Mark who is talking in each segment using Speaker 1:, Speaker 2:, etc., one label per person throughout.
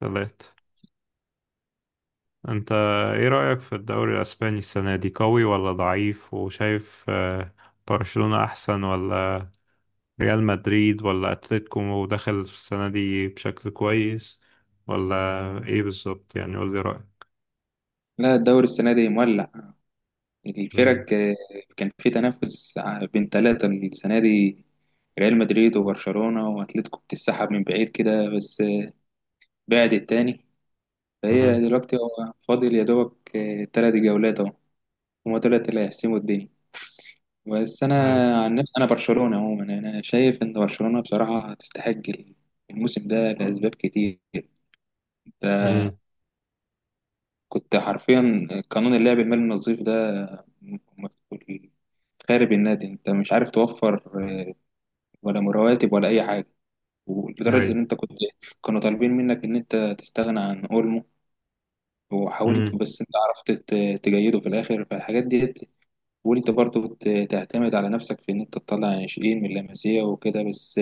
Speaker 1: ثلاثة. انت ايه رأيك في الدوري الاسباني السنة دي، قوي ولا ضعيف؟ وشايف برشلونة احسن ولا ريال مدريد ولا اتلتيكو داخل في السنة دي بشكل كويس، ولا ايه بالظبط؟ يعني قول لي رأيك.
Speaker 2: لا، الدوري السنة دي مولع.
Speaker 1: امم.
Speaker 2: الفرق كان في تنافس بين ثلاثة السنة دي. ريال مدريد وبرشلونة وأتلتيكو بتسحب من بعيد كده، بس بعد التاني. فهي
Speaker 1: امم
Speaker 2: دلوقتي هو فاضل يا دوبك تلات جولات أهو. هما دولت اللي هيحسموا الدنيا. بس أنا
Speaker 1: اي.
Speaker 2: عن نفسي، أنا برشلونة عموما. أنا شايف إن برشلونة بصراحة تستحق الموسم ده لأسباب كتير.
Speaker 1: امم.
Speaker 2: كنت حرفيا قانون اللعب المالي النظيف ده مكتوب- خارب النادي، انت مش عارف توفر ولا رواتب ولا اي حاجه.
Speaker 1: اي.
Speaker 2: ولدرجه ان انت كنت، كانوا طالبين منك ان انت تستغنى عن اولمو، وحاولت
Speaker 1: امم
Speaker 2: بس انت عرفت تجيده في الاخر. فالحاجات ديت، وانت برضو تعتمد على نفسك في ان انت تطلع ناشئين من لاماسيا وكده بس.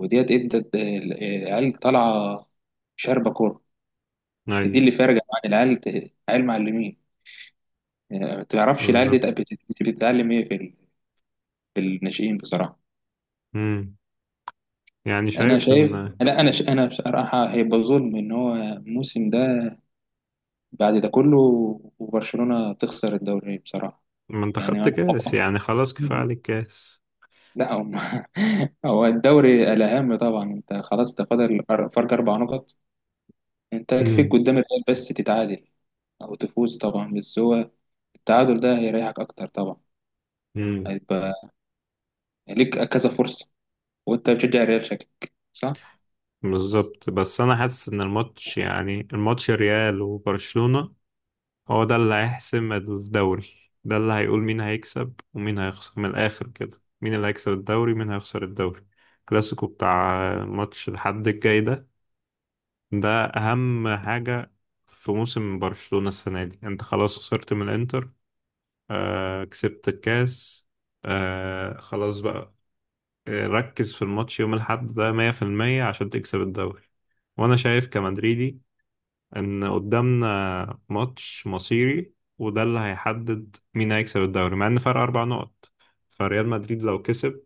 Speaker 2: وديت ادت العيال طالعه شاربه كوره.
Speaker 1: اي.
Speaker 2: دي اللي فارقه عن العيال. العيال معلمين ما تعرفش العيال دي
Speaker 1: بالظبط.
Speaker 2: بتتعلم ايه في في الناشئين بصراحه.
Speaker 1: امم يعني
Speaker 2: انا
Speaker 1: شايف
Speaker 2: شايف،
Speaker 1: ان...
Speaker 2: لا انا انا بصراحه هيبقى ظلم ان هو الموسم ده، بعد ده كله، وبرشلونه تخسر الدوري بصراحه.
Speaker 1: ما انت خدت
Speaker 2: يعني أنا-
Speaker 1: كاس، يعني خلاص كفاية عليك كاس.
Speaker 2: لا هم. هو الدوري الاهم طبعا. انت خلاص ده فاضل فرق اربع نقط. انت يكفيك
Speaker 1: امم
Speaker 2: قدام الريال بس تتعادل او تفوز طبعا. بس هو التعادل ده هيريحك اكتر طبعا. هيبقى ليك كذا فرصه. وانت بتشجع الريال، شكلك صح.
Speaker 1: بالظبط. بس انا حاسس ان الماتش، يعني الماتش ريال وبرشلونة، هو ده اللي هيحسم الدوري. ده اللي هيقول مين هيكسب ومين هيخسر. من الاخر كده، مين اللي هيكسب الدوري، مين هيخسر الدوري؟ الكلاسيكو بتاع ماتش الحد الجاي ده، ده اهم حاجة في موسم برشلونة السنة دي. انت خلاص خسرت من الانتر، آه كسبت الكاس، آه خلاص بقى. ركز في الماتش يوم الأحد ده 100% عشان تكسب الدوري. وانا شايف كمدريدي ان قدامنا ماتش مصيري، وده اللي هيحدد مين هيكسب الدوري، مع ان فرق 4 نقط. فريال مدريد لو كسب،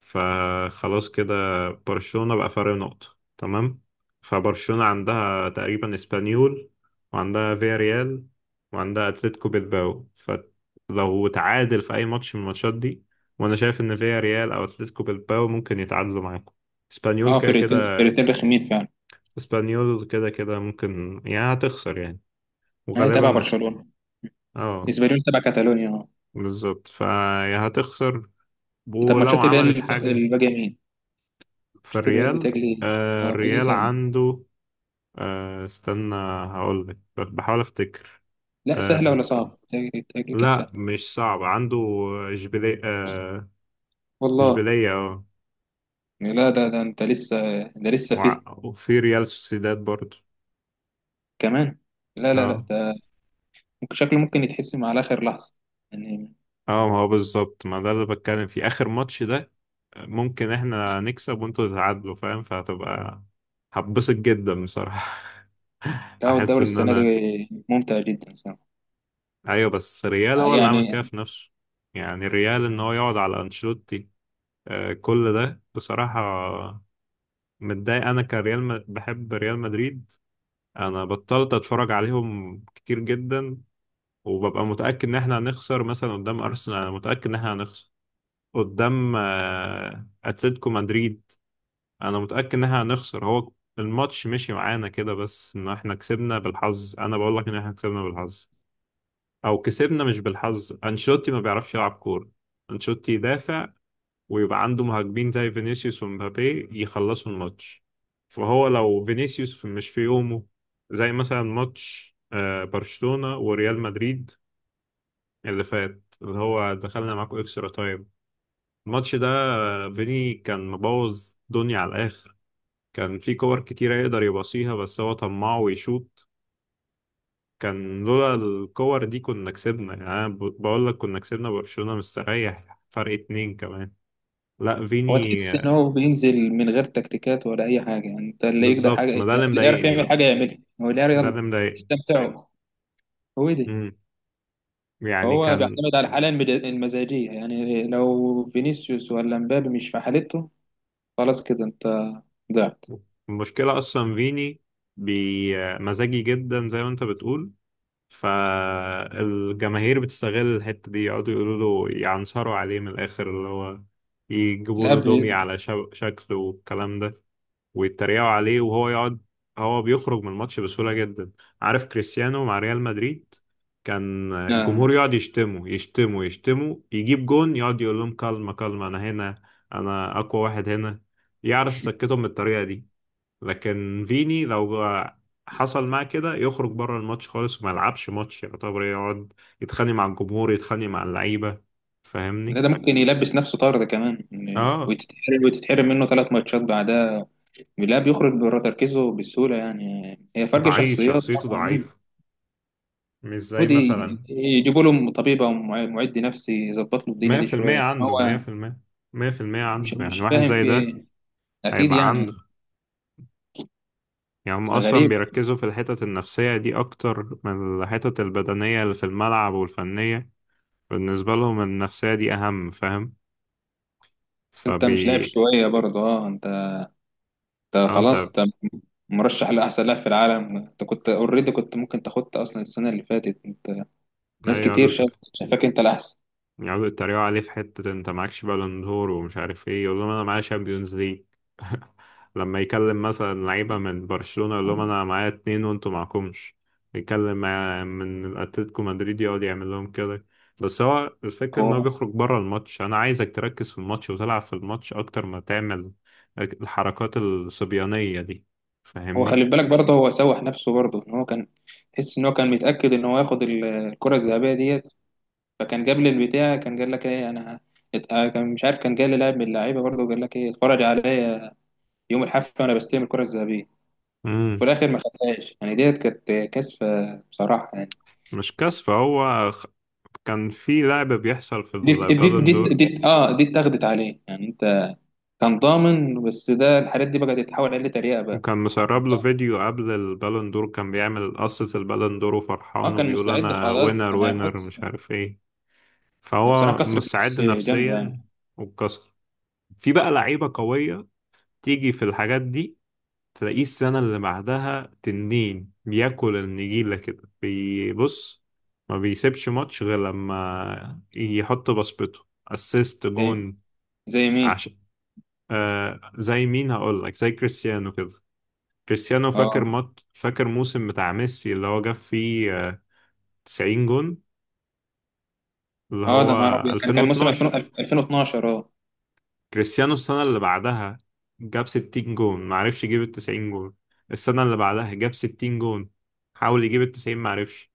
Speaker 1: فخلاص كده، برشلونة بقى فرق نقطة. تمام، فبرشلونة عندها تقريبا اسبانيول، وعندها فياريال، وعندها اتلتيكو بيلباو. فلو تعادل في اي ماتش من الماتشات دي، وانا شايف ان فياريال او اتلتيكو بيلباو ممكن يتعادلوا معاكم. اسبانيول
Speaker 2: اه،
Speaker 1: كده
Speaker 2: فرقتين
Speaker 1: كده،
Speaker 2: فرقتين رخمين فعلا.
Speaker 1: ممكن يعني هتخسر يعني،
Speaker 2: هي
Speaker 1: وغالبا
Speaker 2: تبع
Speaker 1: نسبة...
Speaker 2: برشلونة.
Speaker 1: اه
Speaker 2: اسبانيول تبع كاتالونيا، اه.
Speaker 1: بالظبط. فيا هتخسر
Speaker 2: طب
Speaker 1: ولو
Speaker 2: ماتشات الريال
Speaker 1: عملت حاجة.
Speaker 2: الباقية مين؟ ماتشات الريال
Speaker 1: فالريال،
Speaker 2: بتجلي. اه، بتجلي
Speaker 1: الريال
Speaker 2: سهلة.
Speaker 1: عنده، استنى، هقولك، بحاول افتكر.
Speaker 2: لا
Speaker 1: آه
Speaker 2: سهلة ولا
Speaker 1: ر-
Speaker 2: صعبة؟ بتجلي بتجلي كانت
Speaker 1: لا
Speaker 2: سهلة.
Speaker 1: مش صعب عنده. اشبيلية آه،
Speaker 2: والله.
Speaker 1: اشبيلية اه،
Speaker 2: لا ده ده انت لسه، ده لسه فيه
Speaker 1: وفي ريال سوسيداد برضو.
Speaker 2: كمان. لا
Speaker 1: اه
Speaker 2: ده ممكن شكله ممكن يتحسم على آخر لحظة يعني.
Speaker 1: اه، ما هو بالظبط، ما ده اللي بتكلم فيه، اخر ماتش ده، ممكن احنا نكسب وانتوا تتعادلوا، فاهم؟ فهتبقى هتبسط جدا بصراحة.
Speaker 2: لا هو
Speaker 1: احس
Speaker 2: الدوري
Speaker 1: ان
Speaker 2: السنة دي
Speaker 1: انا...
Speaker 2: ممتع جدا صراحة
Speaker 1: ايوه، بس ريال هو اللي عمل كده
Speaker 2: يعني.
Speaker 1: في نفسه. يعني ريال ان هو يقعد على انشيلوتي، كل ده بصراحة. متضايق انا كريال بحب ريال مدريد. انا بطلت اتفرج عليهم كتير جدا، وببقى متأكد ان احنا هنخسر مثلا قدام ارسنال. انا متأكد ان احنا هنخسر قدام اتلتيكو مدريد. انا متأكد ان احنا هنخسر. هو الماتش مشي معانا كده، بس ان احنا كسبنا بالحظ. انا بقول لك ان احنا كسبنا بالحظ، او كسبنا مش بالحظ. انشيلوتي ما بيعرفش يلعب كورة. انشيلوتي يدافع، ويبقى عنده مهاجمين زي فينيسيوس ومبابي يخلصوا الماتش. فهو لو فينيسيوس مش في يومه، زي مثلا ماتش برشلونة وريال مدريد اللي فات، اللي هو دخلنا معاكم اكسترا تايم، الماتش ده، فيني كان مبوظ دنيا على الاخر. كان في كور كتيرة يقدر يباصيها، بس هو طماع ويشوط. كان لولا الكور دي كنا كسبنا. يعني أنا بقول لك كنا كسبنا برشلونة مستريح فرق اتنين كمان. لا
Speaker 2: هو
Speaker 1: فيني
Speaker 2: تحس ان هو بينزل من غير تكتيكات ولا اي حاجه. يعني انت اللي يقدر حاجه،
Speaker 1: بالظبط.
Speaker 2: اللي
Speaker 1: ما ده اللي
Speaker 2: يعرف
Speaker 1: مضايقني
Speaker 2: يعمل
Speaker 1: بقى،
Speaker 2: حاجه يعملها. هو اللي يعرف
Speaker 1: ده
Speaker 2: يلا
Speaker 1: اللي مضايقني.
Speaker 2: استمتعوا. هو دي.
Speaker 1: مم. يعني
Speaker 2: فهو
Speaker 1: كان
Speaker 2: بيعتمد على الحاله المزاجيه. يعني لو فينيسيوس ولا مبابي مش في حالته، خلاص كده انت ضعت.
Speaker 1: المشكلة أصلا فيني بمزاجي جدا زي ما أنت بتقول. فالجماهير بتستغل الحتة دي، يقعدوا يقولوا له، يعنصروا عليه من الآخر، اللي هو يجيبوا له
Speaker 2: الاب
Speaker 1: دومي
Speaker 2: إيه؟
Speaker 1: على شكله والكلام ده، ويتريقوا عليه وهو يقعد. هو بيخرج من الماتش بسهولة جدا. عارف كريستيانو مع ريال مدريد، كان
Speaker 2: آه.
Speaker 1: الجمهور يقعد يشتمه يشتمه يشتمه، يجيب جون، يقعد يقول لهم كلمة كلمة، أنا هنا، أنا أقوى واحد هنا. يعرف يسكتهم بالطريقة دي. لكن فيني لو حصل معاه كده يخرج بره الماتش خالص وما يلعبش ماتش. يعتبر يقعد يتخانق مع الجمهور، يتخانق مع اللعيبة.
Speaker 2: لا
Speaker 1: فاهمني؟
Speaker 2: ده ممكن يلبس نفسه طرد كمان يعني،
Speaker 1: اه،
Speaker 2: وتتحرم، وتتحرم منه ثلاث ماتشات بعدها. لا بيخرج بره تركيزه بسهوله يعني. هي فرق
Speaker 1: ضعيف،
Speaker 2: شخصيات.
Speaker 1: شخصيته
Speaker 2: طبعا.
Speaker 1: ضعيفة. مش زي
Speaker 2: المفروض
Speaker 1: مثلا،
Speaker 2: يجيبوا له طبيب او معد نفسي يظبط له الدنيا
Speaker 1: مية
Speaker 2: دي
Speaker 1: في المية
Speaker 2: شويه، لان
Speaker 1: عنده، مية
Speaker 2: هو
Speaker 1: في المية،
Speaker 2: مش
Speaker 1: عنده يعني
Speaker 2: مش
Speaker 1: واحد
Speaker 2: فاهم
Speaker 1: زي
Speaker 2: في
Speaker 1: ده
Speaker 2: ايه. اكيد
Speaker 1: هيبقى عنده.
Speaker 2: يعني.
Speaker 1: يعني هم
Speaker 2: اصل
Speaker 1: أصلا
Speaker 2: غريب.
Speaker 1: بيركزوا في الحتت النفسية دي أكتر من الحتت البدنية اللي في الملعب والفنية. بالنسبة لهم النفسية دي أهم، فاهم؟
Speaker 2: بس انت
Speaker 1: فبي
Speaker 2: مش لاعب شويه برضه؟ اه، انت، انت
Speaker 1: أو أنت.
Speaker 2: خلاص، انت مرشح لاحسن لاعب في العالم. انت كنت اوريدي كنت ممكن تاخدت اصلا السنه اللي فاتت. انت
Speaker 1: أيوة،
Speaker 2: ناس كتير شايفاك انت الاحسن.
Speaker 1: يقعدوا يتريقوا عليه في حتة انت معكش بالون دور ومش عارف ايه، يقول لهم انا معايا شامبيونز ليج. لما يكلم مثلا لعيبة من برشلونة يقول لهم انا معايا اتنين وانتوا معكمش. يكلم من اتلتيكو مدريد، يقعد يعمل لهم كده. بس هو الفكرة ان هو
Speaker 2: هو،
Speaker 1: بيخرج بره الماتش. انا عايزك تركز في الماتش وتلعب في الماتش اكتر ما تعمل الحركات الصبيانية دي.
Speaker 2: هو
Speaker 1: فاهمني؟
Speaker 2: خلي بالك برضه، هو سوح نفسه برضه. ان هو كان، تحس ان هو كان متاكد ان هو ياخد الكره الذهبيه ديت. فكان جاب لي البتاع، كان قال لك ايه، انا، كان مش عارف، كان جاي لي لاعب من اللعيبه برضه وقال لك ايه، اتفرج عليا يوم الحفله وانا بستلم الكره الذهبيه.
Speaker 1: امم.
Speaker 2: وفي الاخر ما خدهاش يعني. ديت كانت كسفه بصراحه يعني.
Speaker 1: مش كسف، هو كان في لعب بيحصل في
Speaker 2: دي دي
Speaker 1: البالون
Speaker 2: دي,
Speaker 1: دور.
Speaker 2: دي اه، دي اتاخدت عليه يعني. انت كان ضامن، بس ده الحاجات دي بقت تتحول عليه تريقه بقى.
Speaker 1: وكان مسرب له فيديو قبل البالون دور، كان بيعمل قصة البالون دور وفرحان،
Speaker 2: اه، كان
Speaker 1: وبيقول
Speaker 2: مستعد
Speaker 1: أنا
Speaker 2: خلاص،
Speaker 1: وينر
Speaker 2: كان
Speaker 1: وينر
Speaker 2: هياخد.
Speaker 1: مش عارف إيه.
Speaker 2: بصراحه
Speaker 1: فهو
Speaker 2: كسرة نفس
Speaker 1: مستعد
Speaker 2: جامده يعني.
Speaker 1: نفسيا، واتكسر. في بقى لعيبة قوية تيجي في الحاجات دي، تلاقيه السنة اللي بعدها تنين، بياكل النجيلة كده بيبص. ما بيسيبش ماتش غير لما يحط بصمته، اسيست
Speaker 2: زي،
Speaker 1: جون.
Speaker 2: زي مين؟
Speaker 1: عشان... زي مين؟ هقول لك زي كريستيانو كده. كريستيانو فاكر
Speaker 2: اه.
Speaker 1: فاكر موسم بتاع ميسي اللي هو جاب فيه 90 جون، اللي
Speaker 2: اه،
Speaker 1: هو
Speaker 2: ده نهار ابيض، كان كان موسم 2000،
Speaker 1: 2012.
Speaker 2: 2012. اه،
Speaker 1: كريستيانو السنة اللي بعدها جاب 60 جون، معرفش يجيب ال 90 جون. السنة اللي بعدها جاب 60 جون، حاول يجيب ال 90، معرفش.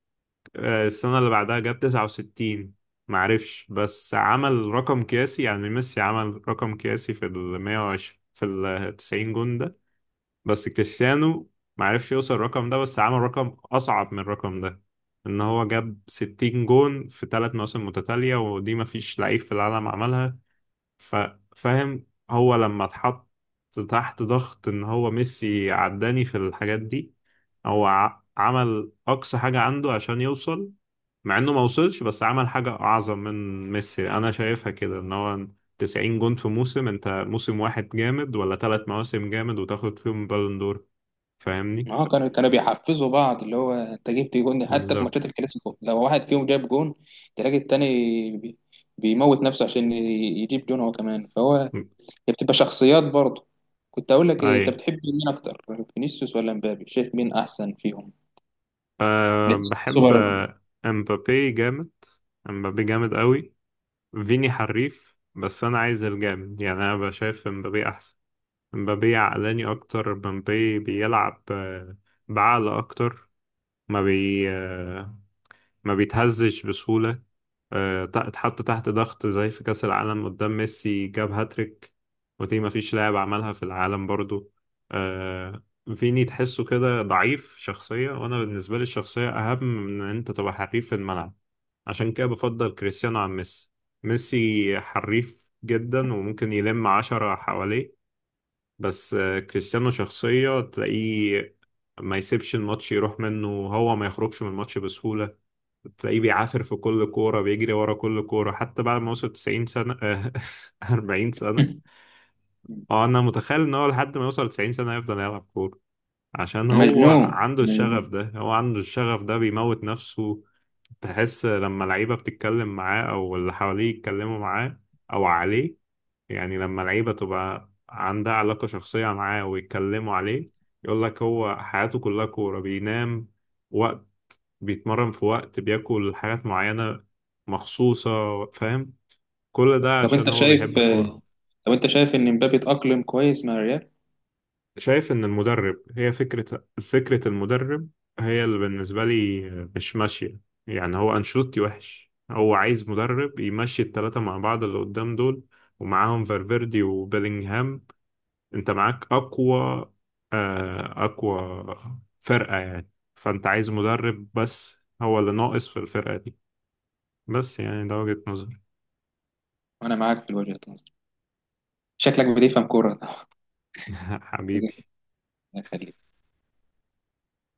Speaker 1: السنة اللي بعدها جاب 69، معرفش. بس عمل رقم قياسي. يعني ميسي عمل رقم قياسي في ال 120، في ال 90 جون ده. بس كريستيانو معرفش يوصل الرقم ده، بس عمل رقم أصعب من الرقم ده، إن هو جاب 60 جون في 3 مواسم متتالية، ودي مفيش لعيب في العالم عملها. ف... فاهم، هو لما اتحط تحت ضغط ان هو ميسي عداني في الحاجات دي، هو عمل اقصى حاجة عنده عشان يوصل. مع انه ما وصلش، بس عمل حاجة اعظم من ميسي انا شايفها كده، ان هو 90 جون في موسم، انت موسم واحد جامد ولا 3 مواسم جامد وتاخد فيهم بالون دور؟ فاهمني؟
Speaker 2: اه، كانوا كانوا بيحفزوا بعض. اللي هو انت جبت جون حتى في
Speaker 1: بالظبط.
Speaker 2: ماتشات الكلاسيكو، لو واحد فيهم جاب جون تلاقي التاني بي- بيموت نفسه عشان يجيب جون هو كمان. فهو، هي بتبقى شخصيات برضه. كنت اقول لك إيه،
Speaker 1: اي.
Speaker 2: انت بتحب مين اكتر، فينيسيوس ولا مبابي؟ شايف مين احسن فيهم؟
Speaker 1: أه،
Speaker 2: الاتنين
Speaker 1: بحب
Speaker 2: سوبر.
Speaker 1: امبابي جامد، امبابي جامد قوي. فيني حريف، بس انا عايز الجامد. يعني انا بشايف مبابي احسن. مبابي عقلاني اكتر، مبابي بيلعب بعقل اكتر. ما بي آه، ما بيتهزش بسهولة. اتحط تحت ضغط زي في كأس العالم قدام ميسي جاب هاتريك، ودي مفيش لاعب عملها في العالم برضو. آه، فيني تحسه كده ضعيف شخصية. وأنا بالنسبة لي الشخصية أهم من إن أنت تبقى حريف في الملعب. عشان كده بفضل كريستيانو عن ميسي. ميسي حريف جدا وممكن يلم عشرة حواليه، بس كريستيانو شخصية، تلاقيه ما يسيبش الماتش يروح منه، وهو ما يخرجش من الماتش بسهولة. تلاقيه بيعافر في كل كورة، بيجري ورا كل كورة حتى بعد ما وصل 90 سنة، 40 سنة. اه انا متخيل ان هو لحد ما يوصل 90 سنة يفضل يلعب كورة، عشان هو
Speaker 2: مجنون
Speaker 1: عنده الشغف
Speaker 2: مجنون.
Speaker 1: ده، هو عنده الشغف ده، بيموت نفسه. تحس لما لعيبة بتتكلم معاه او اللي حواليه يتكلموا معاه او عليه، يعني لما لعيبة تبقى عندها علاقة شخصية معاه ويتكلموا عليه، يقول لك هو حياته كلها كورة. بينام، بيتمرن في وقت، بياكل حاجات معينة مخصوصة، فاهم؟ كل ده
Speaker 2: طب
Speaker 1: عشان
Speaker 2: انت
Speaker 1: هو
Speaker 2: شايف،
Speaker 1: بيحب الكورة.
Speaker 2: طب انت شايف ان مبابي اتأقلم كويس مع الريال؟
Speaker 1: شايف إن المدرب هي فكرة، المدرب هي اللي بالنسبة لي مش ماشية. يعني هو أنشيلوتي وحش، هو عايز مدرب يمشي التلاتة مع بعض اللي قدام دول، ومعاهم فالفيردي وبيلينغهام. أنت معاك أقوى، أقوى فرقة يعني. فأنت عايز مدرب بس، هو اللي ناقص في الفرقة دي. بس يعني ده وجهة نظري.
Speaker 2: وانا معاك في الوجهة دي. شكلك بتفهم كورة.
Speaker 1: حبيبي.
Speaker 2: الله يخليك.